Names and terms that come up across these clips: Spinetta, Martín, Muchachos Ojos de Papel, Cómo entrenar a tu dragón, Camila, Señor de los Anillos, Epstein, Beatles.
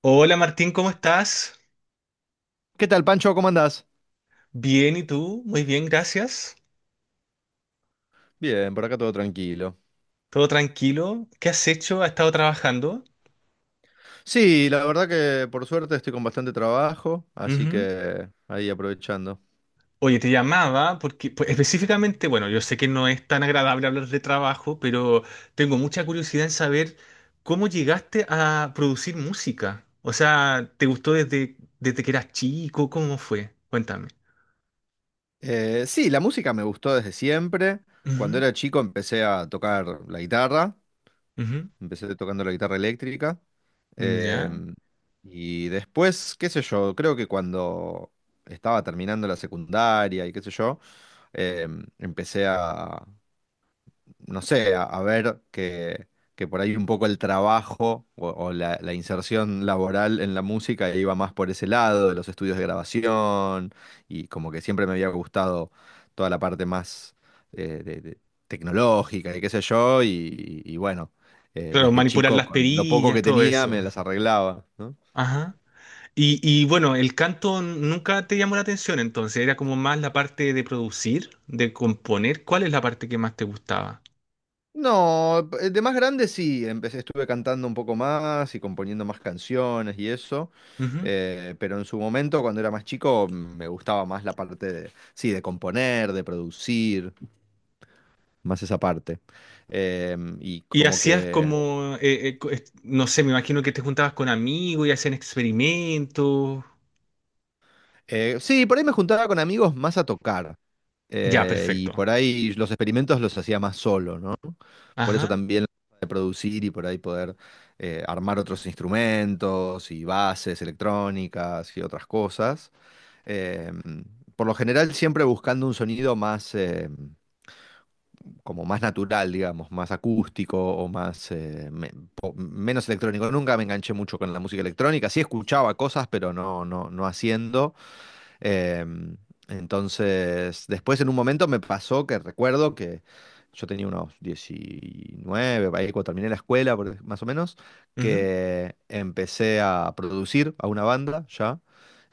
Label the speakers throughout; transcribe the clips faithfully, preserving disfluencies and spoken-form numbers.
Speaker 1: Hola Martín, ¿cómo estás?
Speaker 2: ¿Qué tal, Pancho? ¿Cómo andás?
Speaker 1: Bien, ¿y tú? Muy bien, gracias.
Speaker 2: Bien, por acá todo tranquilo.
Speaker 1: ¿Todo tranquilo? ¿Qué has hecho? ¿Has estado trabajando?
Speaker 2: Sí, la verdad que por suerte estoy con bastante trabajo, así
Speaker 1: Ujú.
Speaker 2: que ahí aprovechando.
Speaker 1: Oye, te llamaba porque pues, específicamente, bueno, yo sé que no es tan agradable hablar de trabajo, pero tengo mucha curiosidad en saber cómo llegaste a producir música. O sea, ¿te gustó desde, desde que eras chico? ¿Cómo fue? Cuéntame.
Speaker 2: Eh, sí, la música me gustó desde siempre. Cuando
Speaker 1: Ujú,
Speaker 2: era chico empecé a tocar la guitarra, empecé tocando la guitarra eléctrica.
Speaker 1: ujú. Ya.
Speaker 2: em, y después, qué sé yo, creo que cuando estaba terminando la secundaria y qué sé yo, em, empecé a, no sé, a, a, ver que, que por ahí un poco el trabajo o, o, la, la inserción laboral en la música iba más por ese lado, de los estudios de grabación, y como que siempre me había gustado toda la parte más eh, de- de- tecnológica y qué sé yo, y, y bueno, eh,
Speaker 1: Claro,
Speaker 2: desde
Speaker 1: manipular
Speaker 2: chico
Speaker 1: las
Speaker 2: con lo poco
Speaker 1: perillas,
Speaker 2: que
Speaker 1: todo
Speaker 2: tenía
Speaker 1: eso.
Speaker 2: me las arreglaba, ¿no?
Speaker 1: Ajá. Y, y bueno, el canto nunca te llamó la atención, entonces era como más la parte de producir, de componer. ¿Cuál es la parte que más te gustaba?
Speaker 2: No, p- de más grande sí, empecé, estuve cantando un poco más y componiendo más canciones y eso,
Speaker 1: Ujú.
Speaker 2: eh, pero en su momento, cuando era más chico, mm, me gustaba más la parte de, sí, de componer, de producir, más esa parte. Em, y
Speaker 1: Y
Speaker 2: como
Speaker 1: hacías
Speaker 2: que,
Speaker 1: como, eh, eh, co- es- no sé, me imagino que te juntabas con amigos y hacían experimentos.
Speaker 2: eh, sí, por ahí me juntaba con amigos más a tocar,
Speaker 1: Ya,
Speaker 2: eh, y
Speaker 1: perfecto.
Speaker 2: por ahí los experimentos los hacía más solo, ¿no? Por eso
Speaker 1: Ajá.
Speaker 2: también de producir y por ahí poder eh, armar otros instrumentos y bases electrónicas y otras cosas. Eh, por lo general siempre buscando un sonido más, eh, como más natural, digamos, más acústico o más, eh, me- po- menos electrónico. Nunca me enganché mucho con la música electrónica. Sí escuchaba cosas, pero no, no, no haciendo. Em, entonces, después en un momento me pasó que recuerdo que yo tenía unos diecinueve, ahí cuando terminé la escuela, por- e, más o menos,
Speaker 1: Ujú.
Speaker 2: que empecé a producir a una banda ya,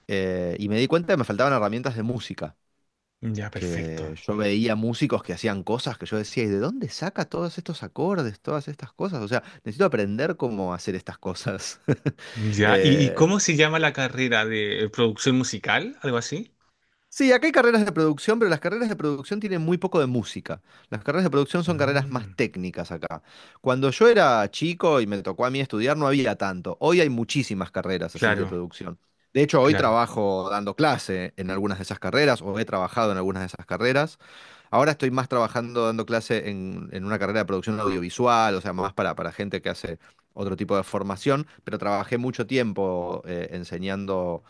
Speaker 2: eh, y me di cuenta que me faltaban herramientas de música,
Speaker 1: Ya, perfecto.
Speaker 2: que yo veía músicos que hacían cosas que yo decía, ¿y de dónde saca todos estos acordes, todas estas cosas? O sea, necesito aprender cómo hacer estas cosas.
Speaker 1: Ya. ¿Y, y
Speaker 2: Eh,
Speaker 1: cómo se llama la carrera de eh, producción musical? ¿Algo así?
Speaker 2: Sí, acá hay carreras de producción, pero las carreras de producción tienen muy poco de música. Las carreras de producción son carreras más
Speaker 1: Mm,
Speaker 2: técnicas acá. Cuando yo era chico y me tocó a mí estudiar, no había tanto. Hoy hay muchísimas carreras así de
Speaker 1: claro,
Speaker 2: producción. De hecho, hoy
Speaker 1: claro.
Speaker 2: trabajo dando clase en algunas de esas carreras o he trabajado en algunas de esas carreras. Ahora estoy más trabajando, dando clase en, en, una carrera de producción audiovisual, o sea, más para, para gente que hace otro tipo de formación, pero trabajé mucho tiempo eh, enseñando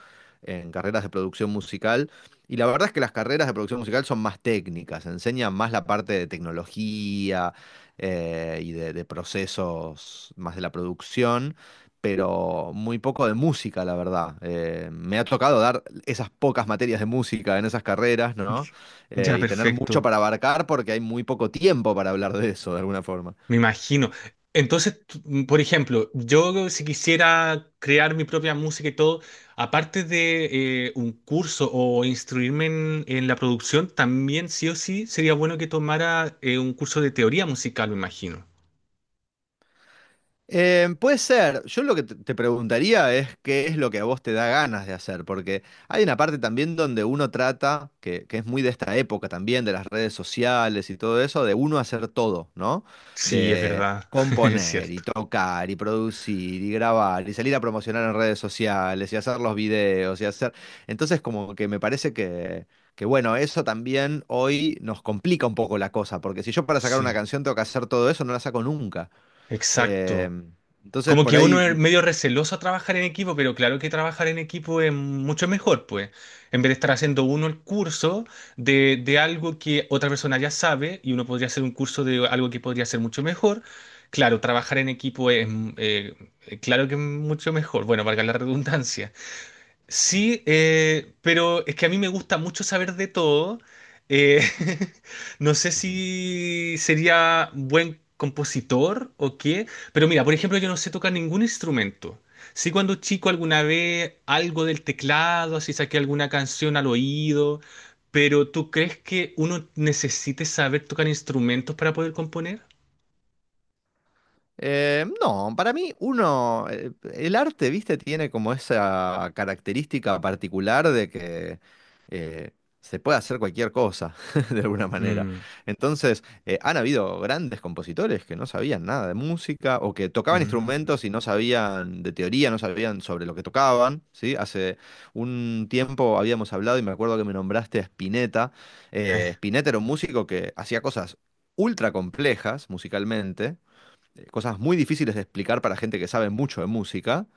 Speaker 2: en carreras de producción musical. Y la verdad es que las carreras de producción musical son más técnicas, enseñan más la parte de tecnología eh, y de, de procesos más de la producción, pero muy poco de música, la verdad. Eh, me ha tocado dar esas pocas materias de música en esas carreras, ¿no?
Speaker 1: Ya,
Speaker 2: Eh, y tener mucho
Speaker 1: perfecto.
Speaker 2: para abarcar porque hay muy poco tiempo para hablar de eso de alguna forma.
Speaker 1: Me imagino. Entonces, tú- mm, por ejemplo, yo si quisiera crear mi propia música y todo, aparte de eh, un curso o instruirme en, en la producción, también sí o sí sería bueno que tomara eh, un curso de teoría musical, me imagino.
Speaker 2: Eh, puede ser. Yo lo que te te preguntaría es qué es lo que a vos te da ganas de hacer, porque hay una parte también donde uno trata, que, que es muy de esta época también, de las redes sociales y todo eso, de uno hacer todo, ¿no?
Speaker 1: Sí, es
Speaker 2: De
Speaker 1: verdad, es
Speaker 2: componer y
Speaker 1: cierto.
Speaker 2: tocar y producir y grabar y salir a promocionar en redes sociales y hacer los videos y hacer. Entonces como que me parece que. Que bueno, eso también hoy nos complica un poco la cosa, porque si yo para sacar
Speaker 1: Sí,
Speaker 2: una canción tengo que hacer todo eso, no la saco nunca. Eh,
Speaker 1: exacto.
Speaker 2: entonces,
Speaker 1: Como
Speaker 2: por
Speaker 1: que
Speaker 2: ahí.
Speaker 1: uno
Speaker 2: Mm,
Speaker 1: es medio receloso a trabajar en equipo, pero claro que trabajar en equipo es mucho mejor, pues. En vez de estar haciendo uno el curso de, de algo que otra persona ya sabe y uno podría hacer un curso de algo que podría ser mucho mejor. Claro, trabajar en equipo es, mm, eh, claro que es mucho mejor. Bueno, valga la redundancia. Sí, eh, pero es que a mí me gusta mucho saber de todo. Eh, no sé
Speaker 2: ujú.
Speaker 1: si sería buen compositor o qué, pero mira, por ejemplo, yo no sé tocar ningún instrumento. Sí, cuando chico alguna vez algo del teclado, así saqué alguna canción al oído, pero ¿tú crees que uno necesite saber tocar instrumentos para poder componer?
Speaker 2: Eh, no, para mí uno, eh, el arte, viste, tiene como esa característica particular de que eh, se puede hacer cualquier cosa, de alguna manera.
Speaker 1: Mm,
Speaker 2: Entonces, eh, han habido grandes compositores que no sabían nada de música o que tocaban
Speaker 1: mm,
Speaker 2: instrumentos y no sabían de teoría, no sabían sobre lo que tocaban, ¿sí? Hace un tiempo habíamos hablado y me acuerdo que me nombraste a Spinetta. Eh,
Speaker 1: eh,
Speaker 2: Spinetta era un músico que hacía cosas ultra complejas musicalmente eh, cosas muy difíciles de explicar para gente que sabe mucho de música.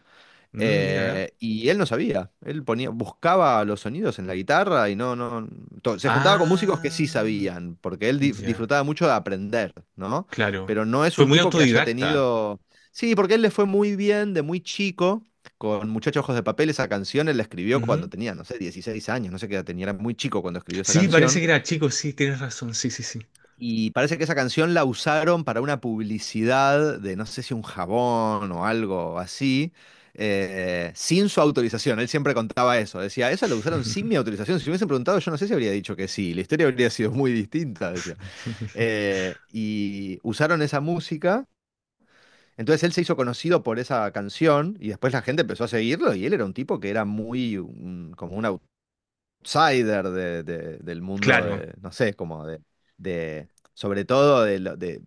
Speaker 1: mm, mira.
Speaker 2: eh, Y él no sabía. Él ponía, buscaba los sonidos en la guitarra y no, no. To- se juntaba con músicos que sí
Speaker 1: Ah,
Speaker 2: sabían, porque él di-
Speaker 1: ya.
Speaker 2: disfrutaba mucho de aprender, ¿no?
Speaker 1: Claro.
Speaker 2: Pero no es
Speaker 1: Fue
Speaker 2: un
Speaker 1: muy
Speaker 2: tipo que haya
Speaker 1: autodidacta.
Speaker 2: tenido. Sí, porque él le fue muy bien de muy chico. Con Muchachos Ojos de Papel, esa canción él la escribió cuando
Speaker 1: Ujú.
Speaker 2: tenía, no sé, dieciséis años, no sé qué edad tenía, era muy chico cuando escribió esa
Speaker 1: Sí, parece
Speaker 2: canción.
Speaker 1: que era chico, sí, tienes razón, sí, sí, sí.
Speaker 2: Y parece que esa canción la usaron para una publicidad de no sé si un jabón o algo así, eh, sin su autorización. Él siempre contaba eso. Decía, eso lo usaron sin mi autorización. Si me hubiesen preguntado, yo no sé si habría dicho que sí. La historia habría sido muy distinta, decía. Eh, y usaron esa música. Entonces él se hizo conocido por esa canción y después la gente empezó a seguirlo y él era un tipo que era muy un- como una outsider de- de- del mundo
Speaker 1: Claro.
Speaker 2: de, no sé, como de, de- sobre todo de, lo- de,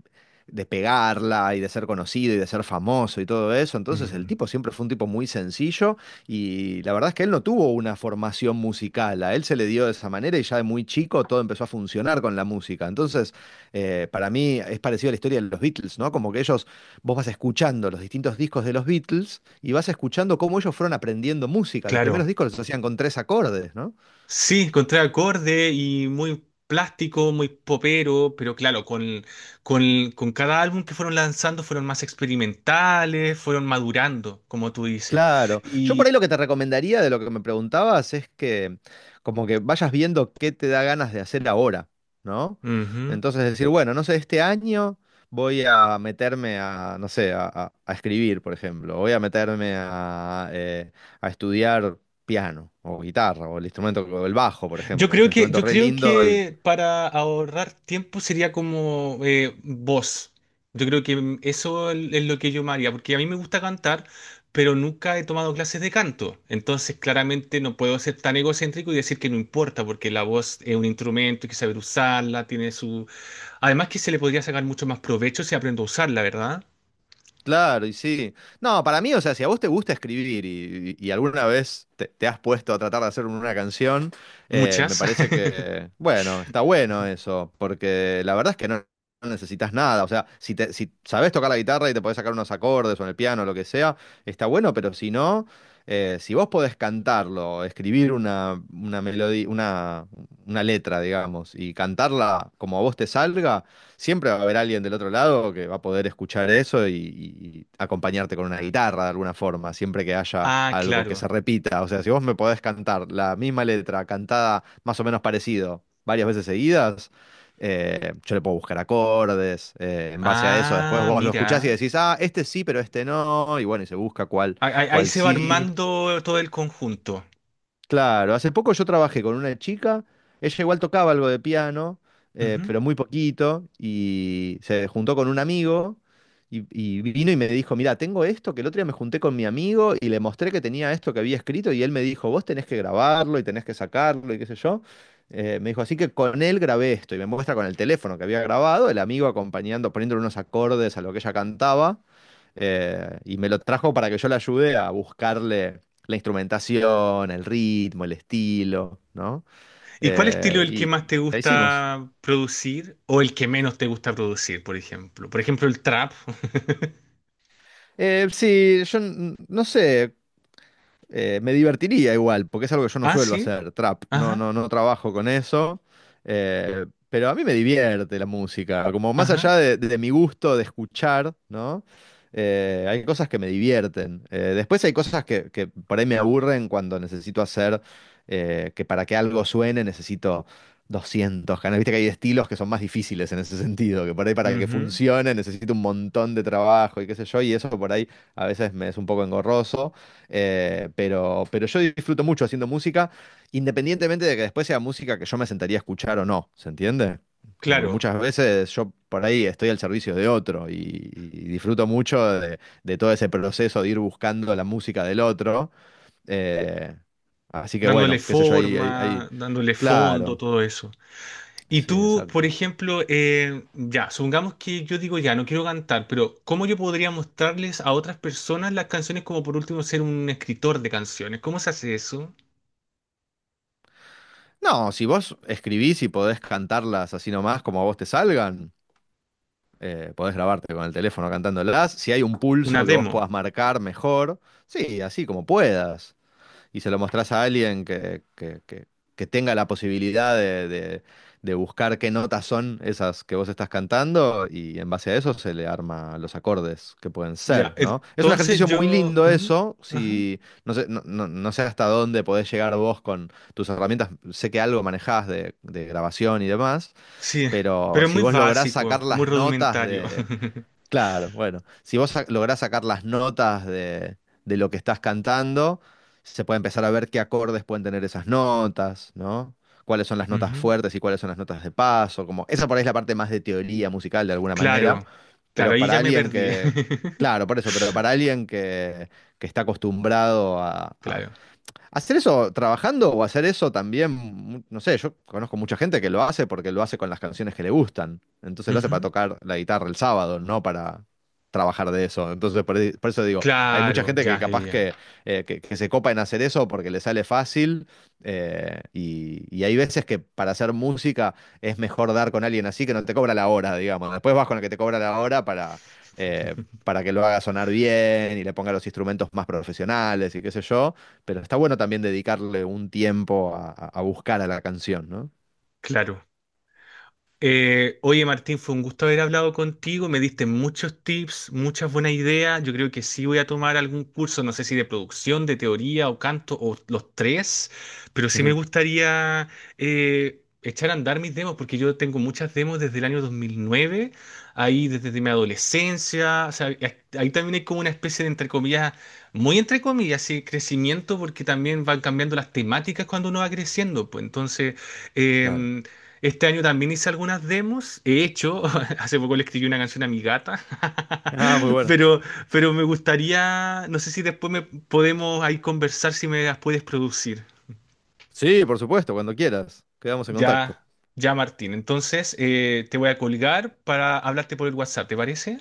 Speaker 2: de pegarla y de ser conocido y de ser famoso y todo eso. Entonces el
Speaker 1: Mm,
Speaker 2: tipo siempre fue un tipo muy sencillo y la verdad es que él no tuvo una formación musical, a él se le dio de esa manera y ya de muy chico todo empezó a funcionar con la música. Entonces, eh, para mí es parecido a la historia de los Beatles, ¿no? Como que ellos, vos vas escuchando los distintos discos de los Beatles y vas escuchando cómo ellos fueron aprendiendo música. Los
Speaker 1: claro.
Speaker 2: primeros discos los hacían con tres acordes, ¿no?
Speaker 1: Sí, encontré acorde y muy plástico, muy popero, pero claro, con, con, con cada álbum que fueron lanzando fueron más experimentales, fueron madurando, como tú dices.
Speaker 2: Claro. Yo por ahí
Speaker 1: Y,
Speaker 2: lo que te recomendaría de lo que me preguntabas es que como que vayas viendo qué te da ganas de hacer ahora, ¿no?
Speaker 1: ujú.
Speaker 2: Entonces decir, bueno, no sé, este año voy a meterme a, no sé, a, a- a escribir, por ejemplo. Voy a meterme a, eh, a estudiar piano o guitarra o el instrumento, o el bajo, por
Speaker 1: Yo
Speaker 2: ejemplo, que es
Speaker 1: creo
Speaker 2: un
Speaker 1: que,
Speaker 2: instrumento
Speaker 1: yo
Speaker 2: re
Speaker 1: creo
Speaker 2: lindo.
Speaker 1: que para ahorrar tiempo sería como eh, voz. Yo creo que mm, eso es es lo que yo me haría, porque a mí me gusta cantar, pero nunca he tomado clases de canto. Entonces, claramente no puedo ser tan egocéntrico y decir que no importa, porque la voz es un instrumento, hay que saber usarla, tiene su... Además que se le podría sacar mucho más provecho si aprendo a usarla, ¿verdad?
Speaker 2: Claro, y sí. No, para mí, o sea, si a vos te gusta escribir y, y- y alguna vez te, te, has puesto a tratar de hacer una canción, eh, me
Speaker 1: Muchas.
Speaker 2: parece que, bueno, está bueno eso, porque la verdad es que no, no necesitas nada. O sea, si, te, si sabés tocar la guitarra y te podés sacar unos acordes o en el piano, lo que sea, está bueno, pero si no, eh, si vos podés cantarlo, escribir una, una melodía, una, una letra, digamos, y cantarla como a vos te salga siempre va a haber alguien del otro lado que va a poder escuchar eso y, y acompañarte con una guitarra de alguna forma, siempre que haya
Speaker 1: Ah,
Speaker 2: algo que
Speaker 1: claro.
Speaker 2: se repita. O sea, si vos me podés cantar la misma letra cantada más o menos parecido varias veces seguidas, eh, yo le puedo buscar acordes, eh, en base a eso después
Speaker 1: Ah,
Speaker 2: vos lo escuchás y
Speaker 1: mira.
Speaker 2: decís, ah, este sí, pero este no, y bueno, y se busca cuál,
Speaker 1: Ahí, ahí- ahí
Speaker 2: cuál
Speaker 1: se va
Speaker 2: sí.
Speaker 1: armando todo el conjunto.
Speaker 2: Claro, hace poco yo trabajé con una chica, ella igual tocaba algo de piano, eh, pero muy poquito, y se juntó con un amigo y, y vino y me dijo, mira, tengo esto, que el otro día me junté con mi amigo y le mostré que tenía esto que había escrito y él me dijo, vos tenés que grabarlo y tenés que sacarlo y qué sé yo. Eh, me dijo, así que con él grabé esto y me muestra con el teléfono que había grabado, el amigo acompañando, poniéndole unos acordes a lo que ella cantaba. Eh, y me lo trajo para que yo le ayude a buscarle la instrumentación, el ritmo, el estilo, ¿no?
Speaker 1: ¿Y cuál estilo
Speaker 2: Eh,
Speaker 1: es el que
Speaker 2: y
Speaker 1: más te
Speaker 2: la hicimos.
Speaker 1: gusta producir o el que menos te gusta producir, por ejemplo? Por ejemplo, el trap.
Speaker 2: Eh, sí, yo n- no sé. Eh, me divertiría igual, porque es algo que yo no
Speaker 1: Ah,
Speaker 2: suelo
Speaker 1: sí.
Speaker 2: hacer, trap. No, no,
Speaker 1: Ajá,
Speaker 2: no trabajo con eso. Eh, pero a mí me divierte la música. Como más allá
Speaker 1: ajá.
Speaker 2: de, de, mi gusto de escuchar, ¿no? Eh, hay cosas que me divierten. Eh, después hay cosas que, que por ahí me aburren cuando necesito hacer, eh, que para que algo suene necesito doscientos canales. Viste que hay estilos que son más difíciles en ese sentido, que por ahí para que
Speaker 1: Ujú.
Speaker 2: funcione necesito un montón de trabajo y qué sé yo, y eso por ahí a veces me es un poco engorroso. Eh, pero, pero yo disfruto mucho haciendo música, independientemente de que después sea música que yo me sentaría a escuchar o no, ¿se entiende? Como que
Speaker 1: Claro,
Speaker 2: muchas veces yo por ahí estoy al servicio de otro y, y disfruto mucho de, de todo ese proceso de ir buscando la música del otro. eh, Así que
Speaker 1: dándole
Speaker 2: bueno, qué sé yo, ahí, ahí,
Speaker 1: forma,
Speaker 2: ahí-
Speaker 1: dándole fondo,
Speaker 2: claro,
Speaker 1: todo eso. Y
Speaker 2: sí,
Speaker 1: tú, por
Speaker 2: exacto.
Speaker 1: ejemplo, eh, ya, supongamos que yo digo ya, no quiero cantar, pero ¿cómo yo podría mostrarles a otras personas las canciones como por último ser un escritor de canciones? ¿Cómo se hace eso?
Speaker 2: No, si vos escribís y podés cantarlas así nomás como a vos te salgan. Eh, podés grabarte con el teléfono cantándolas. Si hay un
Speaker 1: Una
Speaker 2: pulso que vos
Speaker 1: demo.
Speaker 2: puedas marcar mejor, sí, así como puedas. Y se lo mostrás a alguien que, que- que- que tenga la posibilidad de, de- de buscar qué notas son esas que vos estás cantando y en base a eso se le arma los acordes que pueden
Speaker 1: Ya,
Speaker 2: ser, ¿no? Es un
Speaker 1: entonces
Speaker 2: ejercicio muy
Speaker 1: yo...
Speaker 2: lindo
Speaker 1: ujú,
Speaker 2: eso,
Speaker 1: ajá.
Speaker 2: si no sé, no, no- no sé hasta dónde podés llegar vos con tus herramientas, sé que algo manejás de de grabación y demás,
Speaker 1: Sí,
Speaker 2: pero
Speaker 1: pero
Speaker 2: si
Speaker 1: muy
Speaker 2: vos lográs
Speaker 1: básico,
Speaker 2: sacar
Speaker 1: muy
Speaker 2: las notas
Speaker 1: rudimentario.
Speaker 2: de. Claro, bueno, si vos sa- lográs sacar las notas de, de, lo que estás cantando, se puede empezar a ver qué acordes pueden tener esas notas, ¿no? Cuáles son las notas
Speaker 1: Ujú.
Speaker 2: fuertes y cuáles son las notas de paso, como esa por ahí es la parte más de teoría musical de alguna manera,
Speaker 1: Claro,
Speaker 2: pero
Speaker 1: claro, ahí
Speaker 2: para
Speaker 1: ya me
Speaker 2: alguien
Speaker 1: perdí.
Speaker 2: que, claro, por eso, pero para alguien que, que está acostumbrado.
Speaker 1: Claro.
Speaker 2: ¿Hacer eso trabajando o hacer eso también? mu- No sé, yo conozco mucha gente que lo hace porque lo hace con las canciones que le gustan. Entonces lo hace para
Speaker 1: Ujú.
Speaker 2: tocar la guitarra el sábado, no para trabajar de eso. Entonces por, ahí- por eso digo, hay mucha
Speaker 1: Claro,
Speaker 2: gente que
Speaker 1: ya, ya,
Speaker 2: capaz
Speaker 1: ya.
Speaker 2: que, eh, que, que se copa en hacer eso porque le sale fácil. eh, y, y hay veces que para hacer música es mejor dar con alguien así que no te cobra la hora, digamos. Después vas con el que te cobra la hora para, eh, para que lo haga sonar bien y le ponga los instrumentos más profesionales y qué sé yo. Pero está bueno también dedicarle un tiempo a, a- a buscar a la canción, ¿no?
Speaker 1: Claro. Eh, oye Martín, fue un gusto haber hablado contigo, me diste muchos tips, muchas buenas ideas, yo creo que sí voy a tomar algún curso, no sé si de producción, de teoría o canto o los tres, pero sí me gustaría eh, echar a andar mis demos porque yo tengo muchas demos desde el año dos mil nueve, ahí desde mi adolescencia, o sea, ahí ahí también hay como una especie de entre comillas, muy entre comillas, sí, crecimiento porque también van cambiando las temáticas cuando uno va creciendo, pues entonces...
Speaker 2: Claro.
Speaker 1: em, este año también hice algunas demos. He hecho, hace poco le escribí una canción a mi gata,
Speaker 2: Ah, muy bueno.
Speaker 1: pero, pero me gustaría, no sé si después me podemos ahí conversar si me las puedes producir.
Speaker 2: Sí, por supuesto, cuando quieras. Quedamos en contacto.
Speaker 1: Ya, ya Martín. Entonces, eh, te voy a colgar para hablarte por el WhatsApp, ¿te parece?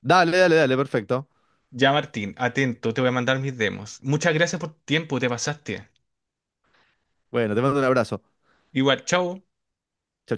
Speaker 2: Dale, dale, dale, perfecto.
Speaker 1: Ya Martín, atento, te voy a mandar mis demos. Muchas gracias por tu tiempo, te pasaste.
Speaker 2: Bueno, te mando un abrazo.
Speaker 1: Igual, chao.
Speaker 2: Chau,